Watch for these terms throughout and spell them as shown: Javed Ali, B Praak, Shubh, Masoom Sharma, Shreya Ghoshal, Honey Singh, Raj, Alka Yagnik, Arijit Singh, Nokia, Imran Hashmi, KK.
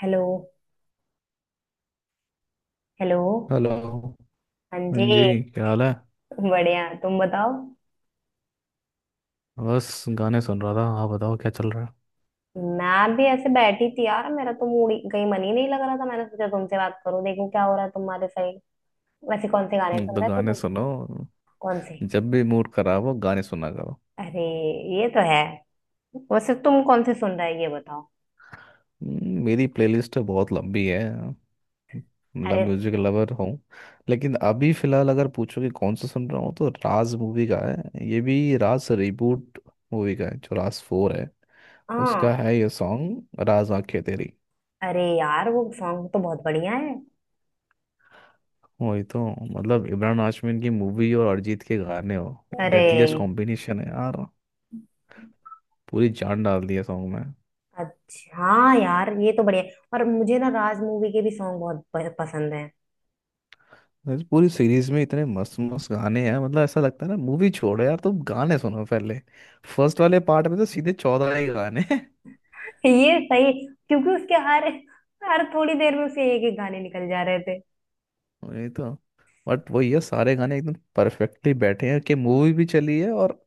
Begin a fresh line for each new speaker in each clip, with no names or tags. Hello. Hello.
Hello.
हाँ
हाँ
जी।
जी. क्या हाल है?
बढ़िया। तुम बताओ।
बस गाने सुन रहा था. हाँ, बताओ क्या चल रहा है?
मैं भी ऐसे बैठी थी यार, मेरा तो कहीं मन ही नहीं लग रहा था। मैंने सोचा तुमसे बात करूं, देखूं क्या हो रहा है तुम्हारे साइड। वैसे कौन से गाने सुन
तो
रहे थे
गाने
तुम?
सुनो.
कौन से?
जब भी मूड खराब हो गाने सुना करो.
अरे, ये तो है। वैसे तुम कौन से सुन रहे हो ये बताओ?
मेरी प्लेलिस्ट बहुत लंबी है. मतलब
अरे।
म्यूजिक लवर हूँ. लेकिन अभी फिलहाल अगर पूछो कि कौन सा सुन रहा हूँ, तो राज मूवी का है, ये भी राज रिबूट मूवी का है, जो राज 4 है उसका
हाँ।
है ये सॉन्ग, राज आंखें तेरी.
अरे यार, वो सॉन्ग तो बहुत बढ़िया है।
वही तो. मतलब इमरान हाशमी की मूवी और अरिजीत के गाने हो.
अरे।
डेडलीस्ट कॉम्बिनेशन है यार. पूरी जान डाल दी है सॉन्ग में.
अच्छा, हाँ यार ये तो बढ़िया है। और मुझे ना राज मूवी के भी सॉन्ग बहुत पसंद है।
इस पूरी सीरीज में इतने मस्त मस्त गाने हैं, मतलब ऐसा लगता है ना, मूवी छोड़ो यार, तुम गाने सुनो पहले. फर्स्ट वाले पार्ट में तो सीधे 14 ही गाने हैं.
ये सही। क्योंकि उसके हर हर थोड़ी देर में उसे एक एक गाने निकल जा रहे थे।
वही तो. बट वही है, सारे गाने एकदम परफेक्टली बैठे हैं कि मूवी भी चली है और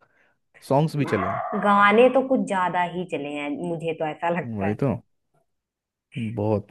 सॉन्ग्स भी चले हैं.
गाने तो कुछ ज्यादा ही चले हैं, मुझे तो ऐसा लगता
वही
है।
तो. बहुत,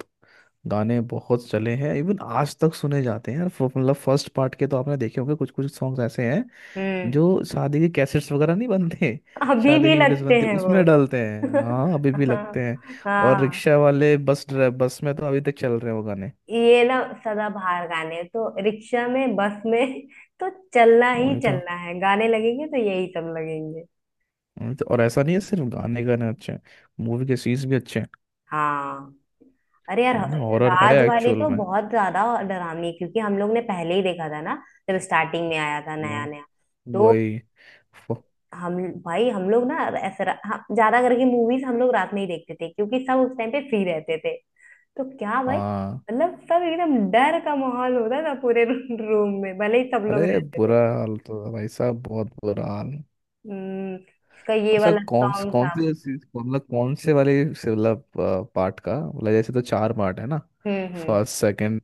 गाने बहुत चले हैं, इवन आज तक सुने जाते हैं यार. मतलब फर्स्ट पार्ट के तो आपने देखे होंगे, कुछ कुछ सॉन्ग्स ऐसे हैं
हम्म।
जो शादी के कैसेट्स वगैरह, नहीं बनते
अभी
शादी
भी
की वीडियोस
लगते
बनती
हैं वो।
उसमें डालते हैं. हाँ अभी भी लगते हैं. और
हाँ।
रिक्शा वाले, बस ड्राइ बस में तो अभी तक चल रहे हैं वो गाने.
ये ना, सदाबहार गाने तो रिक्शा में, बस में तो चलना ही
वही तो.
चलना है। गाने लगेंगे तो यही सब लगेंगे।
वही तो. और ऐसा नहीं है सिर्फ गाने, गाने अच्छे हैं, मूवी के सीन्स भी अच्छे हैं.
हाँ। अरे यार।
है ना, हॉरर है
राज वाली
एक्चुअल
तो
में.
बहुत ज्यादा डरावनी है, क्योंकि हम लोग ने पहले ही देखा था ना। जब स्टार्टिंग में आया था नया
वह-
नया तो
वही. फ-
हम भाई हम लोग ना ऐसे हाँ, ज्यादा करके मूवीज हम लोग रात में ही देखते थे क्योंकि सब उस टाइम पे फ्री रहते थे। तो क्या भाई,
हाँ.
मतलब सब एकदम डर का माहौल होता था पूरे रूम में, भले ही सब लोग
अरे
रहते थे।
बुरा हाल तो है भाई साहब, बहुत बुरा हाल है.
हम्म। इसका ये
अच्छा,
वाला सॉन्ग
कौन
था।
से मतलब, कौन से वाले से, मतलब पार्ट का, मतलब जैसे, तो चार पार्ट है ना.
हम्म। हम्म।
फर्स्ट, सेकंड,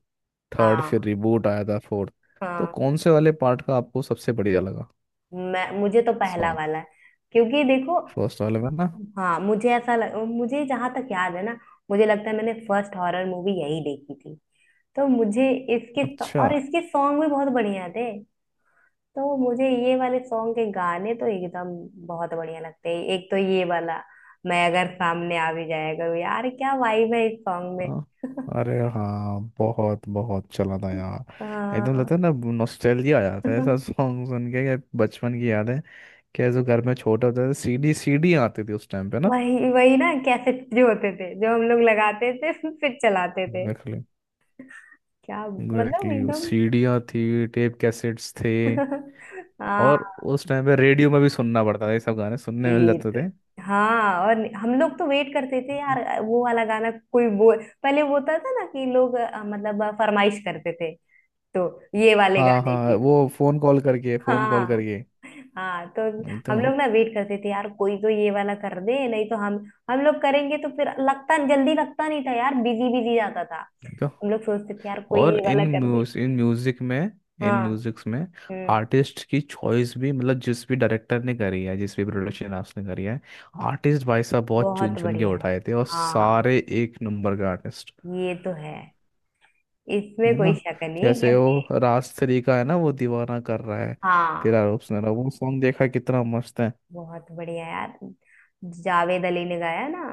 थर्ड, फिर
हाँ।
रिबूट आया था, फोर्थ. तो
हाँ।
कौन से वाले पार्ट का आपको सबसे बढ़िया लगा
मैं मुझे तो पहला
सॉन्ग?
वाला है। क्योंकि देखो।
फर्स्ट वाले में ना.
हाँ, मुझे जहां तक याद है ना। मुझे लगता है मैंने फर्स्ट हॉरर मूवी यही देखी थी। तो मुझे इसके,
अच्छा.
और इसके सॉन्ग भी बहुत बढ़िया थे। तो मुझे ये वाले सॉन्ग के गाने तो एकदम बहुत बढ़िया लगते हैं। एक तो ये वाला, मैं अगर सामने आ भी जाया करूँ यार, क्या वाइब है इस सॉन्ग में।
हाँ. अरे हाँ, बहुत बहुत चला था यार. एकदम
हाँ।
लगता है ना, नॉस्टैल्जिया आ जाता है ऐसा सॉन्ग सुन के, कि बचपन की यादें. क्या, जो घर में छोटे होते थे, सीडी सीडी आती थी उस टाइम पे ना.
वही वही ना, कैसेट जो होते थे जो हम लोग लगाते थे फिर चलाते थे।
एग्जैक्टली.
क्या मतलब
एग्जैक्टली,
एकदम।
सीडियाँ थी, टेप कैसेट्स थे.
हाँ।
और उस टाइम पे रेडियो में भी सुनना पड़ता था, ये सब गाने सुनने मिल जाते
गीत।
थे.
हाँ, और हम लोग तो वेट करते थे यार। वो वाला गाना कोई बोल पहले, वो होता था ना कि लोग मतलब फरमाइश करते थे। तो ये वाले
हाँ
गाने
हाँ,
की।
वो फोन कॉल करके, फोन कॉल
हाँ।
करके.
हाँ तो।
नहीं तो.
हम
नहीं
लोग ना वेट करते थे यार, कोई तो ये वाला कर दे, नहीं तो हम लोग करेंगे तो फिर लगता जल्दी लगता नहीं था यार, बिजी बिजी जाता था।
तो.
हम लोग सोचते थे यार कोई
और
ये वाला कर दे।
इन
हाँ।
म्यूजिक्स में
हम्म।
आर्टिस्ट की चॉइस भी, मतलब जिस भी डायरेक्टर ने करी है, जिस भी प्रोडक्शन हाउस ने करी है, आर्टिस्ट भाई साहब बहुत चुन
बहुत
चुन के
बढ़िया है।
उठाए थे, और
हाँ,
सारे एक नंबर के आर्टिस्ट.
ये तो है। इसमें
है ना.
कोई शक नहीं
जैसे
कि।
वो राज 3 का है ना, वो दीवाना कर रहा है,
हाँ,
तेरा रूप सुनहरा, वो सॉन्ग देखा कितना मस्त है.
बहुत बढ़िया यार। जावेद अली ने गाया ना।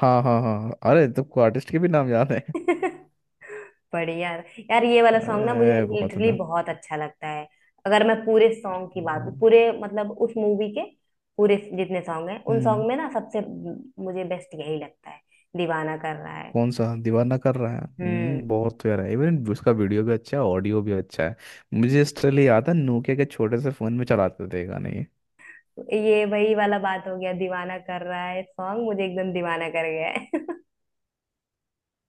हाँ हाँ हाँ हाँ, अरे तुमको आर्टिस्ट के भी नाम याद है.
बढ़िया। यार ये वाला सॉन्ग ना मुझे
अरे बहुत
लिटरली
मजा.
बहुत अच्छा लगता है। अगर मैं पूरे सॉन्ग की बात,
बहुत-
पूरे मतलब उस मूवी के पूरे जितने सॉन्ग हैं, उन सॉन्ग
हम्म
में ना सबसे मुझे बेस्ट यही लगता है। दीवाना कर रहा है।
कौन सा दीवाना कर रहा है.
हम्म।
बहुत प्यारा है, इवन उसका वीडियो भी अच्छा है, ऑडियो भी अच्छा है. मुझे इसलिए याद है, नोकिया के छोटे से फोन में चलाते थे गाने ये.
ये वही वाला बात हो गया, दीवाना कर रहा है सॉन्ग मुझे एकदम दीवाना कर गया है।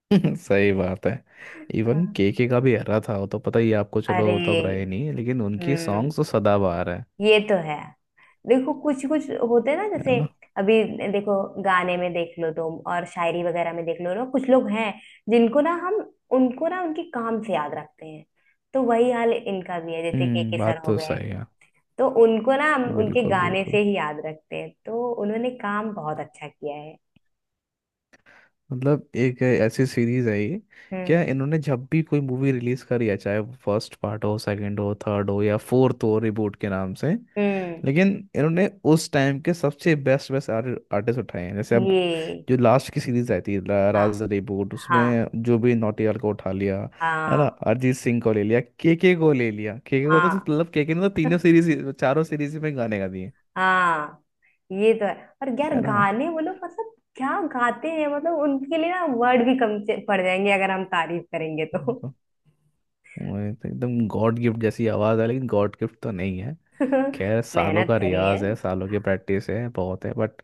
सही बात है. इवन
हाँ।
केके का भी एरा था, वो तो पता ही है आपको. चलो
अरे।
वो तब रहे नहीं, लेकिन उनकी
हम्म।
सॉन्ग्स तो सदाबहार है.
ये तो है। देखो, कुछ कुछ होते हैं ना
है
जैसे।
ना.
अभी देखो। गाने में देख लो तुम, और शायरी वगैरह में देख लो ना, कुछ लोग हैं जिनको ना हम, उनको ना उनके काम से याद रखते हैं। तो वही हाल इनका भी है, जैसे के सर
बात
हो
तो
गए।
सही है.
तो उनको ना हम उनके
बिल्कुल,
गाने से
बिल्कुल.
ही याद रखते हैं, तो उन्होंने काम बहुत अच्छा किया है।
मतलब एक ऐसी सीरीज है ये,
हम्म।
क्या, इन्होंने जब भी कोई मूवी रिलीज करी है, चाहे फर्स्ट पार्ट हो, सेकंड हो, थर्ड हो, या फोर्थ हो रिबूट के नाम से.
हम्म।
लेकिन इन्होंने उस टाइम के सबसे बेस्ट बेस्ट आर्टिस्ट उठाए हैं, जैसे अब
ये।
जो लास्ट की सीरीज आई थी,
हाँ,
राज रिबूट,
हाँ,
उसमें जो भी नौटियाल को उठा लिया. है ना,
हाँ,
अरिजीत सिंह को ले लिया, केके को ले लिया. केके को तो
हाँ,
मतलब, केके ने तो तीनों सीरीज, चारों सीरीज में गाने गा दिए.
हाँ। ये तो है। और यार
है ना.
गाने वो लोग मतलब क्या गाते हैं, मतलब उनके लिए ना वर्ड भी कम पड़ जाएंगे, अगर हम तारीफ करेंगे तो।
तो वो तो एकदम गॉड गिफ्ट जैसी आवाज है, लेकिन गॉड गिफ्ट तो नहीं है. खैर, सालों
मेहनत
का
करी है।
रियाज है, सालों की प्रैक्टिस है बहुत है. बट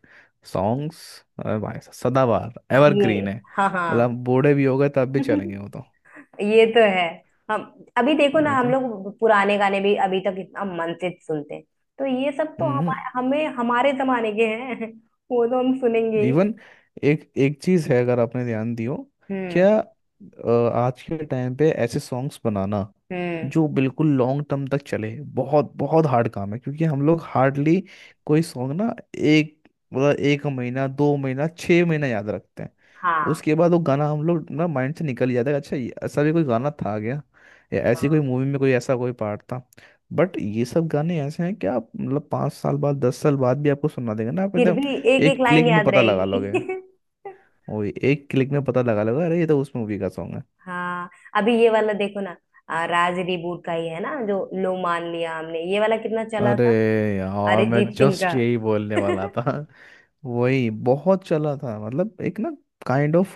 सॉन्ग्स, अरे भाई साहब, सदाबहार
हाँ, ये।
एवरग्रीन है.
हाँ। हाँ।
मतलब बूढ़े भी हो गए तब भी चलेंगे वो तो.
ये तो है। हम अभी देखो ना,
वही
हम
तो.
लोग पुराने गाने भी अभी तक इतना मन से सुनते हैं। तो ये सब तो हम
हम्म
हमें हमारे जमाने के हैं वो तो हम सुनेंगे ही।
इवन एक एक चीज है, अगर आपने ध्यान दियो,
हम्म।
क्या, आज के टाइम पे ऐसे सॉन्ग्स बनाना
हम्म।
जो बिल्कुल लॉन्ग टर्म तक चले, बहुत बहुत हार्ड काम है, क्योंकि हम लोग हार्डली कोई सॉन्ग ना, एक, मतलब एक महीना, 2 महीना, 6 महीना याद रखते हैं.
हाँ।
उसके बाद वो गाना हम लोग ना, माइंड से निकल ही जाता है. अच्छा, ये ऐसा भी कोई गाना था क्या, या ऐसी
हाँ।
कोई मूवी में कोई ऐसा कोई पार्ट था? बट ये सब गाने ऐसे हैं कि आप, मतलब 5 साल बाद, 10 साल बाद भी आपको सुना देगा ना, आप
फिर
एकदम
भी एक एक
एक
लाइन
क्लिक में
याद
पता लगा लोगे.
रहेगी।
वही, एक क्लिक में पता लगा लोगे, अरे ये तो उस मूवी का सॉन्ग है.
हाँ। अभी ये वाला देखो ना। राज रिबूट का ही है ना जो। लो मान लिया हमने, ये वाला कितना चला
अरे
था।
यार, मैं
अरिजीत सिंह
जस्ट
का।
यही बोलने वाला था. वही बहुत चला था, मतलब एक ना, काइंड ऑफ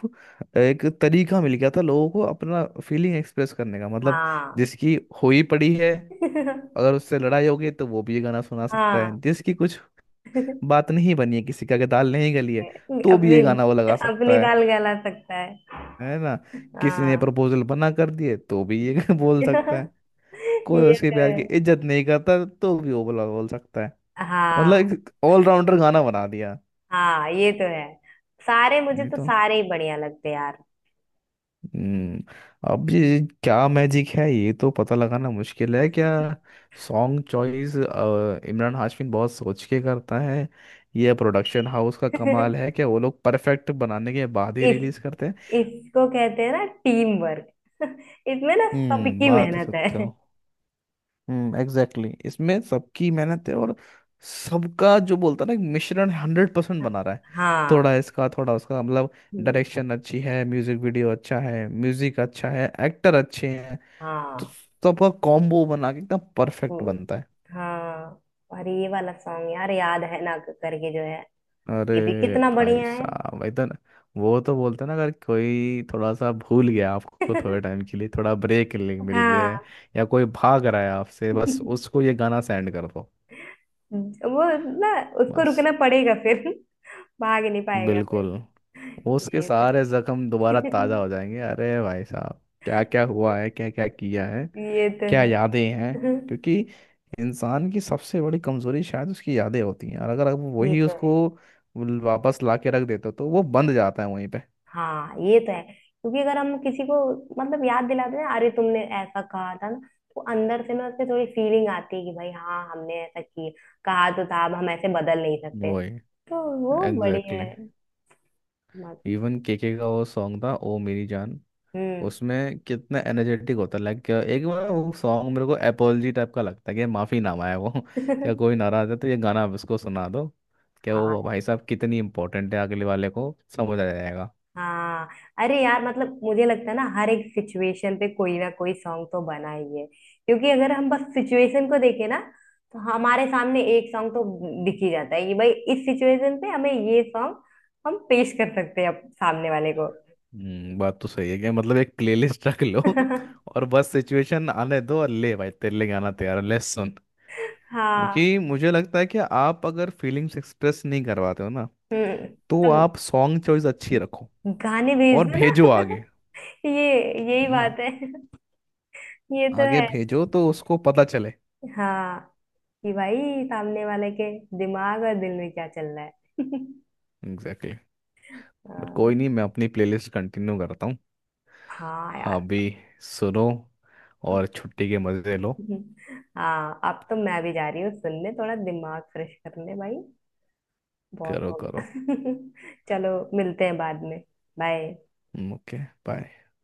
एक तरीका मिल गया था लोगों को अपना फीलिंग एक्सप्रेस करने का. मतलब
हाँ।
जिसकी हुई पड़ी है, अगर उससे लड़ाई हो गई तो वो भी ये गाना सुना सकता
हाँ।
है. जिसकी कुछ बात नहीं बनी है, किसी का के दाल नहीं गली है, तो भी
अपनी
ये गाना वो लगा सकता
अपनी
है
दाल गला सकता है।
है ना. किसी ने
हाँ।
प्रपोजल बना कर दिए तो भी ये बोल सकता है. कोई
ये
उसके
तो है।
प्यार की इज्जत नहीं करता, तो भी वो बोल सकता है. मतलब
हाँ,
एक ऑलराउंडर गाना बना दिया.
हाँ, ये तो है। सारे, मुझे
ये
तो
तो.
सारे ही बढ़िया लगते हैं यार।
हम्म अब ये क्या मैजिक है, ये तो पता लगाना मुश्किल है, क्या सॉन्ग चॉइस इमरान हाशमी बहुत सोच के करता है, यह प्रोडक्शन हाउस का कमाल है, क्या वो लोग परफेक्ट बनाने के बाद ही
इस
रिलीज करते हैं.
इसको कहते हैं ना टीम वर्क। इसमें ना सबकी
बात तो
मेहनत
सकते
है।
हो. Exactly exactly. इसमें सबकी मेहनत है, और सबका जो बोलता ना, एक मिश्रण 100% बना रहा है.
हाँ।
थोड़ा इसका, थोड़ा उसका, मतलब डायरेक्शन अच्छी है, म्यूजिक वीडियो अच्छा है, म्यूजिक अच्छा है, एक्टर अच्छे हैं. तो
हाँ।
सबका कॉम्बो बना के एकदम परफेक्ट
हम्म।
बनता है.
हाँ। और ये वाला सॉन्ग यार याद है ना, करके जो है।
अरे
ये भी कितना
भाई
बढ़िया है।
साहब, भाई तो वो तो बोलते हैं ना, अगर कोई थोड़ा सा भूल गया, आपको थोड़े टाइम के लिए थोड़ा ब्रेक मिल गया है,
हाँ।
या कोई भाग रहा है आपसे, बस उसको ये गाना सेंड कर दो.
वो ना, उसको
बस.
रुकना पड़ेगा फिर, भाग नहीं पाएगा।
बिल्कुल.
फिर
उसके
ये तो।
सारे जख्म दोबारा ताजा हो जाएंगे, अरे भाई साहब, क्या क्या हुआ है, क्या क्या किया है,
ये तो
क्या
है।
यादें हैं. क्योंकि इंसान की सबसे बड़ी कमजोरी शायद उसकी यादें होती हैं, और अगर आप
ये
वही
तो है।
उसको वापस ला के रख देते हो, तो वो बंद जाता है वहीं पे.
हाँ, ये तो है। क्योंकि अगर हम किसी को मतलब याद दिलाते हैं, अरे तुमने ऐसा कहा था ना। तो अंदर से ना उससे थोड़ी फीलिंग आती है कि भाई हाँ, हमने ऐसा किया, कहा तो था, अब हम ऐसे बदल नहीं सकते।
वही.
तो वो बढ़िया
एग्जैक्टली exactly.
है।
इवन केके का वो सॉन्ग था, ओ मेरी जान,
हम्म।
उसमें कितना एनर्जेटिक होता है. लाइक एक बार वो सॉन्ग मेरे को एपोलॉजी टाइप का लगता है, कि माफी नामा है वो. क्या, कोई नाराज है तो ये गाना आप उसको सुना दो, क्या वो,
हाँ।
भाई साहब, कितनी इंपॉर्टेंट है, अगले वाले को समझ आ जाएगा.
हाँ। अरे यार मतलब मुझे लगता है ना हर एक सिचुएशन पे कोई ना कोई सॉन्ग तो बना ही है, क्योंकि अगर हम बस सिचुएशन को देखें ना। तो हमारे सामने एक सॉन्ग तो दिख ही जाता है कि भाई इस सिचुएशन पे हमें ये सॉन्ग हम पेश कर सकते हैं सामने वाले को।
बात तो सही है. क्या मतलब एक प्लेलिस्ट रख लो, और बस सिचुएशन आने दो और ले भाई तेरे लिए गाना तैयार है, ले सुन.
हाँ।
क्योंकि मुझे लगता है कि आप अगर फीलिंग्स एक्सप्रेस नहीं करवाते हो ना,
हम्म,
तो
तो
आप सॉन्ग चॉइस अच्छी रखो
गाने भेज
और
दो ना।
भेजो आगे.
ये यही
है ना.
बात है। ये तो
आगे
है।
भेजो तो उसको पता चले.
हाँ, कि भाई सामने वाले के दिमाग और दिल में क्या चल रहा है।
Exactly exactly. बट
हाँ।
कोई नहीं, मैं अपनी प्लेलिस्ट कंटिन्यू करता हूँ.
हाँ
आप
यार।
भी सुनो और छुट्टी के मज़े लो.
हाँ, अब तो मैं भी जा रही हूँ सुनने, थोड़ा दिमाग फ्रेश करने भाई। बहुत
करो
हो
करो.
गया। चलो, मिलते हैं बाद में। बाय।
ओके. बाय.